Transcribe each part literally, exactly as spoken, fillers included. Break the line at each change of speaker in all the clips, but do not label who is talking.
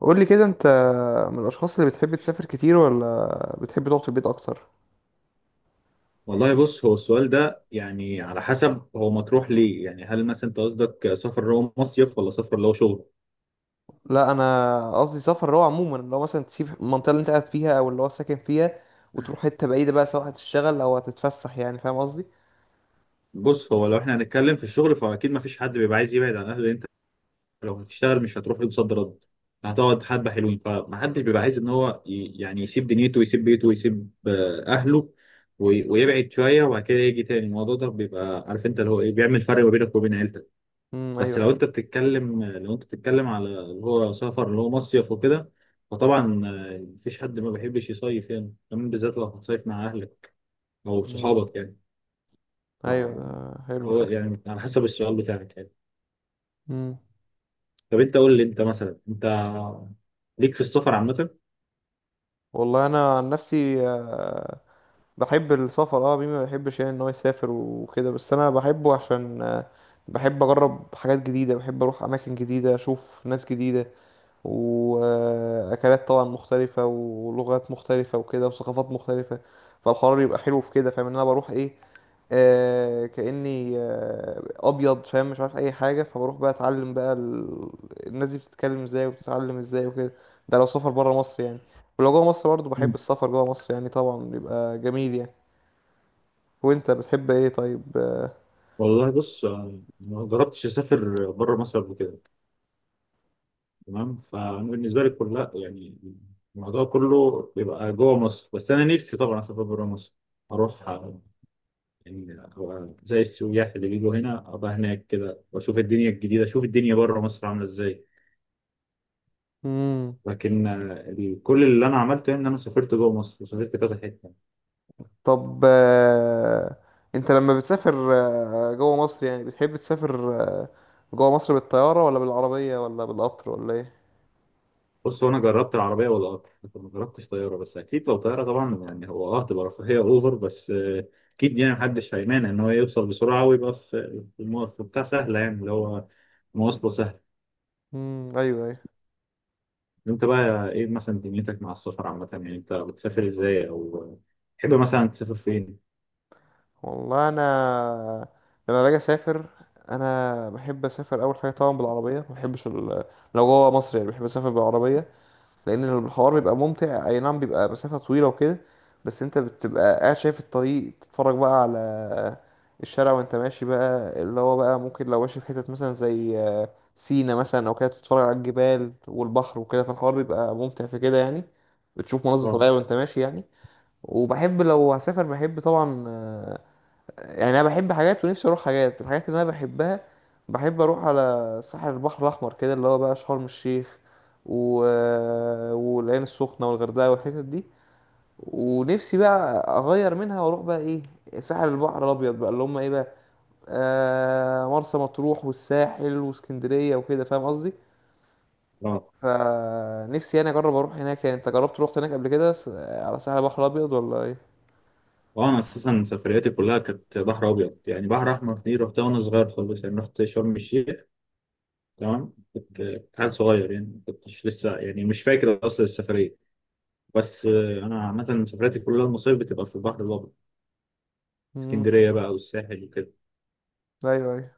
قول لي كده انت من الاشخاص اللي بتحب تسافر كتير ولا بتحب تقعد في البيت اكتر؟
والله بص، هو السؤال ده يعني على حسب، هو مطروح ليه؟ يعني هل مثلا انت قصدك سفر اللي هو مصيف ولا سفر اللي هو شغل؟
لا، انا قصدي سفر اللي هو عموما اللي هو مثلا تسيب المنطقه اللي انت قاعد فيها او اللي هو ساكن فيها وتروح حته بعيده بقى، سواء هتشتغل او هتتفسح. يعني فاهم قصدي؟
بص، هو لو احنا هنتكلم في الشغل فاكيد ما فيش حد بيبقى عايز يبعد عن اهله، لأن انت لو هتشتغل مش هتروح يوم صد رد، هتقعد حبه حلوين، فما حدش بيبقى عايز ان هو ي- يعني يسيب دنيته ويسيب بيته ويسيب آه، اهله وي- ويبعد شويه، وبعد كده يجي تاني الموضوع ده بيبقى عارف انت اللي هو ايه بيعمل فرق ما بينك وبين عيلتك.
امم ايوه
بس لو انت
ايوه.
بتتكلم، لو انت بتتكلم على اللي هو سفر اللي هو مصيف وكده، فطبعا آه، مفيش حد ما بيحبش يصيف، يعني كمان بالذات لو هتصيف مع اهلك او
امم
صحابك يعني. ف
ايوه، ده حلو
هو
فعلا.
يعني على حسب السؤال بتاعك يعني.
امم
طب انت قول لي، انت مثلا انت ليك في السفر عامة؟
والله انا عن نفسي آه، بحب السفر. اه مين ما بيحبش يعني ان هو يسافر وكده، بس انا بحبه عشان آه، بحب اجرب حاجات جديده، بحب اروح اماكن جديده، اشوف ناس جديده واكلات طبعا مختلفه ولغات مختلفه وكده وثقافات مختلفه. فالحوار بيبقى حلو في كده. فاهم ان انا بروح ايه؟ آه كاني آه ابيض، فاهم، مش عارف اي حاجه، فبروح بقى اتعلم بقى ال... الناس دي بتتكلم ازاي وبتتعلم ازاي وكده. ده لو سفر بره مصر يعني. ولو جوه مصر برضه بحب
مم.
السفر جوه مصر، يعني طبعا بيبقى جميل يعني. وانت بتحب ايه طيب؟ آه،
والله بص، آه، ما جربتش اسافر بره مصر قبل كده، تمام؟ فانا بالنسبه لي كلها يعني الموضوع كله بيبقى جوه مصر، بس انا نفسي طبعا اسافر بره مصر، اروح يعني أبقى زي السياح اللي بيجوا هنا، ابقى هناك كده واشوف الدنيا الجديده، اشوف الدنيا بره مصر عامله ازاي.
مم.
لكن آه، ال- كل اللي انا عملته يعني ان انا سافرت جوه مصر وسافرت كذا حته.
طب آه، انت لما بتسافر آه، جوه مصر، يعني بتحب تسافر جوه مصر بالطيارة ولا بالعربية ولا بالقطر ولا ايه؟
بص، هو انا جربت العربيه والقطر لكن ما جربتش طياره، بس اكيد لو طياره طبعا يعني هو اه هتبقى رفاهيه اوفر، بس آه، اكيد يعني محدش هيمانع ان هو يوصل بسرعه ويبقى في في الم- في بتاع سهله يعني، اللي هو مواصله سهله.
امم ايوه ايوه.
انت بقى ايه مثلا دنيتك مع السفر عامه؟ يعني انت بتسافر ازاي، او آه، تحب مثلا تسافر فين؟
والله انا لما باجي اسافر انا بحب اسافر اول حاجه طبعا بالعربيه. ما بحبش ال... لو جوه مصر يعني بحب اسافر بالعربيه، لان الحوار بيبقى ممتع. اي نعم بيبقى مسافة طويلة وكده، بس انت بتبقى قاعد شايف الطريق، تتفرج بقى على الشارع وانت ماشي بقى، اللي هو بقى ممكن لو ماشي في حتت مثلا زي آه، سينا مثلا او كده، تتفرج على الجبال والبحر وكده. فالحوار بيبقى ممتع في كده يعني، بتشوف مناظر
اه
طبيعية وانت ماشي يعني. وبحب لو هسافر بحب طبعا آه، يعني انا بحب حاجات ونفسي اروح حاجات، الحاجات اللي انا بحبها. بحب اروح على ساحل البحر الاحمر كده، اللي هو بقى شرم الشيخ و... آه، والعين السخنه والغردقه والحتت دي. ونفسي بقى اغير منها واروح بقى ايه، ساحل البحر الابيض بقى، اللي هم ايه بقى، آه مرسى مطروح والساحل واسكندريه وكده، فاهم قصدي.
اه
فنفسي انا اجرب اروح هناك يعني. انت جربت روحت هناك قبل كده، س- على ساحل البحر الابيض ولا ايه؟
اه انا اساسا سفرياتي كلها كانت بحر ابيض، يعني بحر احمر دي رحتها وانا صغير خالص، يعني رحت شرم الشيخ، تمام؟ كنت كنت حال صغير يعني، ما كنتش لسه يعني مش فاكر اصل السفريه. بس آه، انا عامه سفرياتي كلها المصايف بتبقى في البحر الابيض،
امم
اسكندريه بقى والساحل وكده.
ايوه ايوه.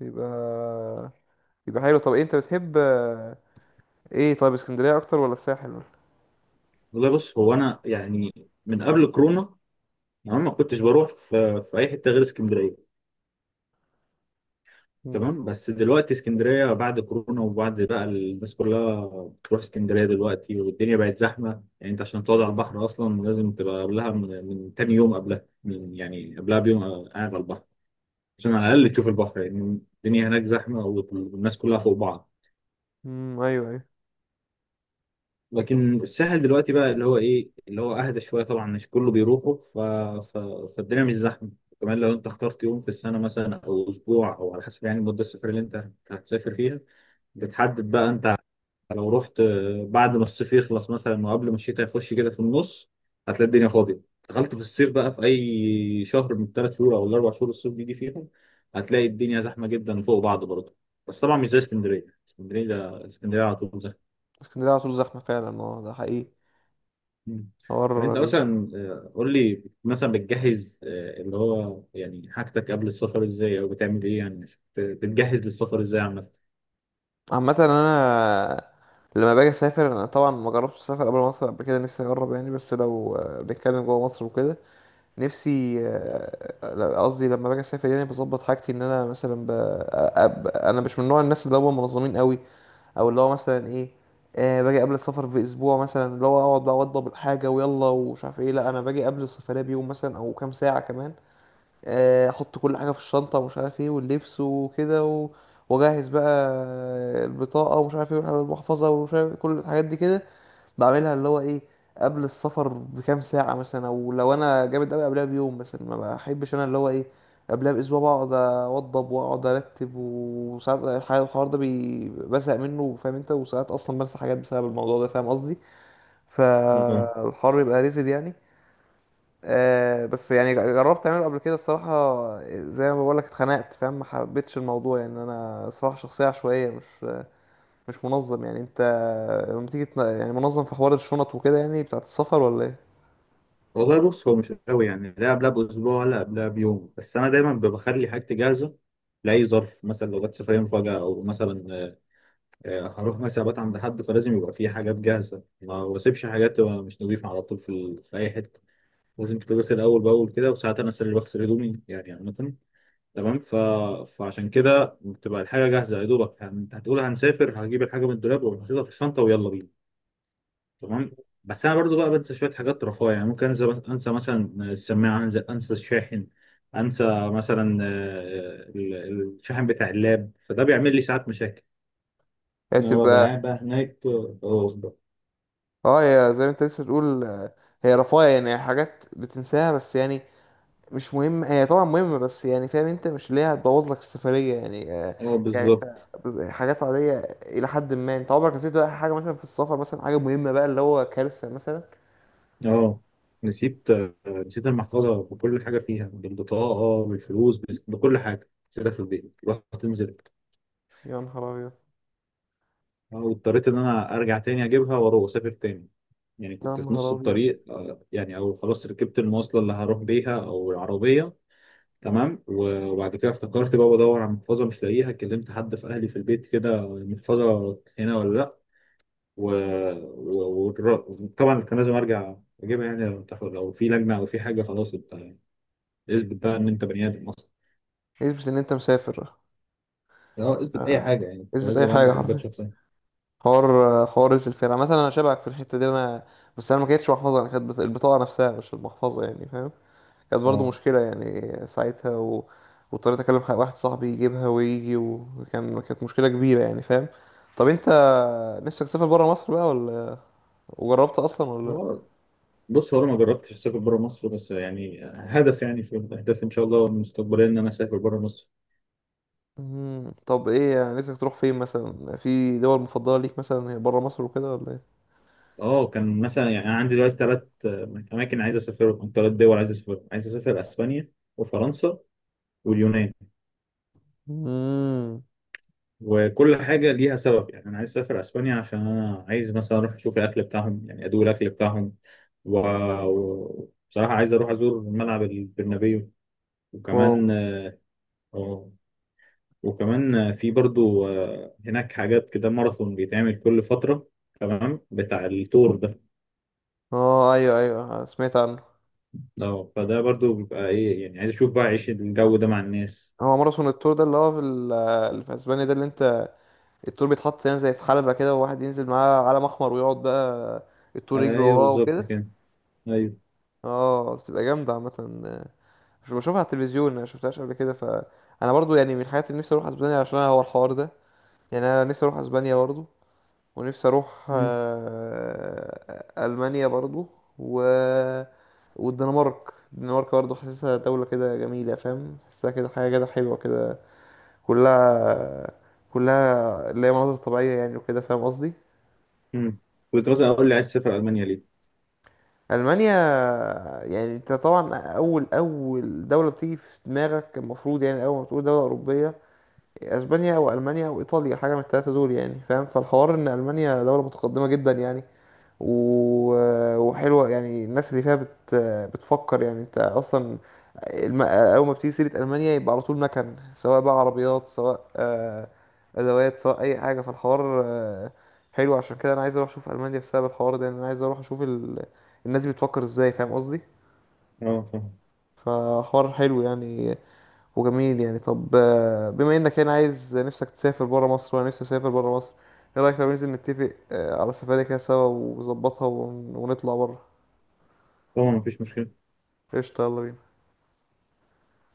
يبقى يبقى حلو. طب إيه انت بتحب آه، ايه طيب، اسكندرية اكتر ولا الساحل ولا؟
والله بص، هو انا يعني من قبل كورونا انا ما كنتش بروح في, في اي حته غير اسكندريه،
مم.
تمام؟ بس دلوقتي اسكندرية بعد كورونا وبعد بقى الناس كلها بتروح اسكندرية دلوقتي، والدنيا بقت زحمة. يعني انت عشان تقعد على البحر اصلا لازم تبقى قبلها من, من تاني يوم، قبلها من يعني قبلها بيوم قاعد على البحر، عشان على الاقل تشوف البحر، لان يعني الدنيا هناك زحمة والناس كلها فوق بعض.
مم. ايوه ايوه.
لكن الساحل دلوقتي بقى اللي هو ايه، اللي هو اهدى شوية، طبعا مش كله بيروحوا، ف... ف... فالدنيا مش زحمة. كمان لو انت اخترت يوم في السنة مثلا او اسبوع، او على حسب يعني مدة السفر اللي انت هتسافر فيها بتحدد بقى انت. لو رحت آه، بعد ما الصيف يخلص مثلا وقبل ما الشتاء يخش كده في النص، هتلاقي الدنيا فاضية. دخلت في الصيف بقى في أي شهر من الثلاث شهور أو الأربع شهور الصيف بيجي فيهم، هتلاقي الدنيا زحمة جدا فوق بعض برضه، بس طبعا مش زي اسكندرية. اسكندرية ده اسكندرية على طول زحمة.
اسكندرية على طول زحمة فعلا، اه ده حقيقي.
مم.
حوار.
طب أنت مثلا، آه، قول لي مثلا، بتجهز آه، اللي هو يعني حاجتك قبل السفر إزاي، أو بتعمل إيه يعني؟ بت- بتجهز للسفر إزاي عامة؟
عامة انا لما باجي اسافر، انا طبعا ما جربتش اسافر قبل مصر قبل كده، نفسي اجرب يعني. بس لو آه، بنتكلم جوه مصر وكده، نفسي آه، لا، قصدي لما باجي اسافر يعني، بظبط حاجتي. ان انا مثلا ب... أ- أ- انا مش من نوع الناس اللي هم منظمين قوي، او اللي هو مثلا ايه، آه باجي قبل السفر باسبوع مثلا، اللي هو اقعد بقى اوضب الحاجه ويلا ومش عارف ايه. لا، انا باجي قبل السفريه بيوم مثلا او كام ساعه كمان، آه، احط كل حاجه في الشنطه ومش عارف ايه واللبس وكده و- واجهز بقى البطاقه ومش عارف ايه والمحفظه ومش عارف إيه، كل الحاجات دي كده بعملها اللي هو ايه قبل السفر بكام ساعة مثلا، او لو انا جامد قوي قبلها بيوم مثلا. ما بحبش انا اللي هو ايه قبلها باسبوع بقعد اوضب واقعد ارتب، وساعات الح- الحوار ده بي- بزهق منه، فاهم انت، وساعات اصلا بنسى حاجات بسبب الموضوع ده، فاهم قصدي. فالحوار بيبقى ريزد يعني. آه بس يعني جربت اعمله قبل كده الصراحة، زي ما بقولك اتخنقت، فاهم، ما حبيتش الموضوع يعني. انا صراحة شخصية عشوائية، مش مش منظم يعني. انت لما تيجي تن- يعني منظم في حوار الشنط وكده يعني بتاعت السفر ولا ايه؟
والله بص، هو مش قوي يعني، لا قبلها باسبوع ولا قبلها بيوم، بس انا دايما ب- بخلي حاجتي جاهزه لاي ظرف، مثلا لو جت سفريه مفاجاه، او مثلا آه، آه، هروح مثلا ابات عند حد، فلازم يبقى في حاجات جاهزه، ما بسيبش حاجات تبقى مش نظيفه على طول في ال... في اي حته، لازم تتغسل اول باول كده. وساعات انا أصل اللي بغسل هدومي يعني عامه، تمام؟ ف... فعشان كده بتبقى الحاجه جاهزه، يا دوبك هن- انت هتقول هنسافر، هجيب الحاجه من الدولاب وحاططها في الشنطه ويلا بينا، تمام؟ بس انا برضو بقى بنسى شويه حاجات رفاهيه، يعني ممكن انسى انسى مثلا السماعه، انسى انسى الشاحن، انسى مثلا آه، ال- الشاحن بتاع اللاب، فده بيعمل لي ساعات مشاكل
هي
ان هو بقى
بتبقى
قاعد بقى هناك. اه.
اه، هي زي ما انت لسه تقول آه، هي رفاهية يعني، حاجات بتنساها بس يعني مش مهم. هي طبعا مهمة بس يعني، فاهم انت، مش اللي هي هتبوظ لك السفرية يعني آه،
اه،
يعني انت
بالظبط.
بز- حاجات عادية إلى حد ما. انت عمرك نسيت بقى حاجة مثلا في السفر، مثلا حاجة مهمة بقى اللي هو كارثة مثلا؟
اه، نسيت آه، نسيت المحفظه بكل حاجه فيها، بالبطاقه آه، بالفلوس، بس- بكل حاجه كده في البيت. رحت نزلت،
يا نهار أبيض.
آه، واضطريت ان انا ارجع تاني اجيبها واروح اسافر تاني، يعني
يا
كنت في نص
نهار أبيض.
الطريق، آه، يعني او خلاص ركبت المواصله اللي هروح بيها او العربيه، تمام؟ و- وبعد كده افتكرت بقى بدور على محفظه مش لاقيها، كلمت حد في اهلي في البيت كده محفظه هنا ولا لا، وطبعا كان لازم ارجع اجيبها يعني. لو تاخد- لو في لجنه او في حاجه خلاص، انت يعني اثبت بقى ان انت بني ادم اصلا.
اثبت إن أنت مسافر.
اه، اثبت اي
آه،
حاجه يعني، انت
اثبت
لازم
أي
يبقى
حاجة
عندك اثبات
حرفيا.
شخصيه.
حوار. حوار رئيس الفرقة مثلا. انا شبهك في الحتة دي انا، بس انا ما كانتش محفظة، انا كانت بت- البطاقة نفسها مش المحفظة يعني، فاهم. كانت برضو
اه،
مشكلة يعني ساعتها و... واضطريت اكلم ح- واحد صاحبي يجيبها ويجي، وكان كانت مشكلة كبيرة يعني، فاهم. طب انت نفسك تسافر برا مصر بقى ولا، وجربت اصلا ولا؟
هو- بص، هو انا ما جربتش اسافر بره مصر، بس يعني هدف، يعني في الاهداف ان شاء الله المستقبليه ان انا اسافر بره مصر.
مم. طب ايه يعني نفسك تروح فين مثلا؟ في دول مفضلة ليك مثلا هي برا مصر وكده ولا ايه؟
اه، كان مثلا يعني انا عندي دلوقتي ثلاث اماكن عايز اسافرهم، او ثلاث دول عايز اسافرهم. عايز اسافر اسبانيا وفرنسا واليونان.
مم.
وكل حاجه ليها سبب يعني، انا عايز اسافر اسبانيا عشان انا عايز مثلا اروح اشوف الاكل بتاعهم، يعني ادوق الاكل بتاعهم. و- و- وبصراحه عايز اروح ازور ملعب البرنابيو،
واو.
وكمان. اه وكمان في برضو آه، هناك حاجات كده ماراثون بيتعمل كل فتره، تمام؟ بتاع التور ده.
اه ايوه ايوه سمعت عنه.
اه، فده برضو بيبقى ايه يعني، عايز اشوف بقى عيش الجو ده مع الناس.
هو ماراثون التور ده اللي هو في, ال- اللي في اسبانيا ده، اللي انت التور بيتحط يعني زي في حلبة كده، وواحد ينزل معاه علم أحمر ويقعد بقى التور يجري
ايوه،
وراه
بالظبط
وكده؟
كده. ايوه.
اه بتبقى جامدة عامة، مش بشوفها على التلفزيون، أنا شفتهاش قبل كده. فأنا برضو يعني من الحاجات اللي نفسي أروح أسبانيا عشان هو الحوار ده يعني. أنا نفسي أروح أسبانيا برضو، ونفسي أروح
مم.
آه، ألمانيا برضو، و... والدنمارك. الدنمارك برضو حاسسها دولة كده جميلة، فاهم، حاسسها كده حاجة كده حلوة كده، كلها كلها اللي هي مناظر طبيعية يعني وكده، فاهم قصدي.
مم. كنت مثلا اقول لي، عايز تسافر المانيا ليه؟
المانيا، يعني انت طبعا اول اول دوله بتيجي في دماغك المفروض، يعني اول ما تقول دوله اوروبيه، اسبانيا او المانيا او ايطاليا، حاجه من الثلاثه دول يعني، فاهم. فالحوار ان المانيا دوله متقدمه جدا يعني و... وحلوه يعني، الناس اللي فيها بت... بتفكر يعني. انت اصلا الم... اول ما بتيجي سيره المانيا يبقى على طول مكن، سواء بقى عربيات سواء آه، ادوات سواء اي حاجه. فالحوار آه، حلو. عشان كده انا عايز اروح اشوف المانيا بسبب الحوار ده يعني، انا عايز اروح اشوف ال... الناس بتفكر ازاي، فاهم قصدي.
اه، فاهم.
فحوار حلو يعني وجميل يعني. طب آه، بما انك هنا عايز نفسك تسافر برا مصر وانا نفسي اسافر برا مصر، ايه رايك لو ننزل نتفق آه، على سفرية كده سوا ونظبطها ون- ونطلع برا؟
طبعا مفيش مشكله.
قشطة، يلا بينا.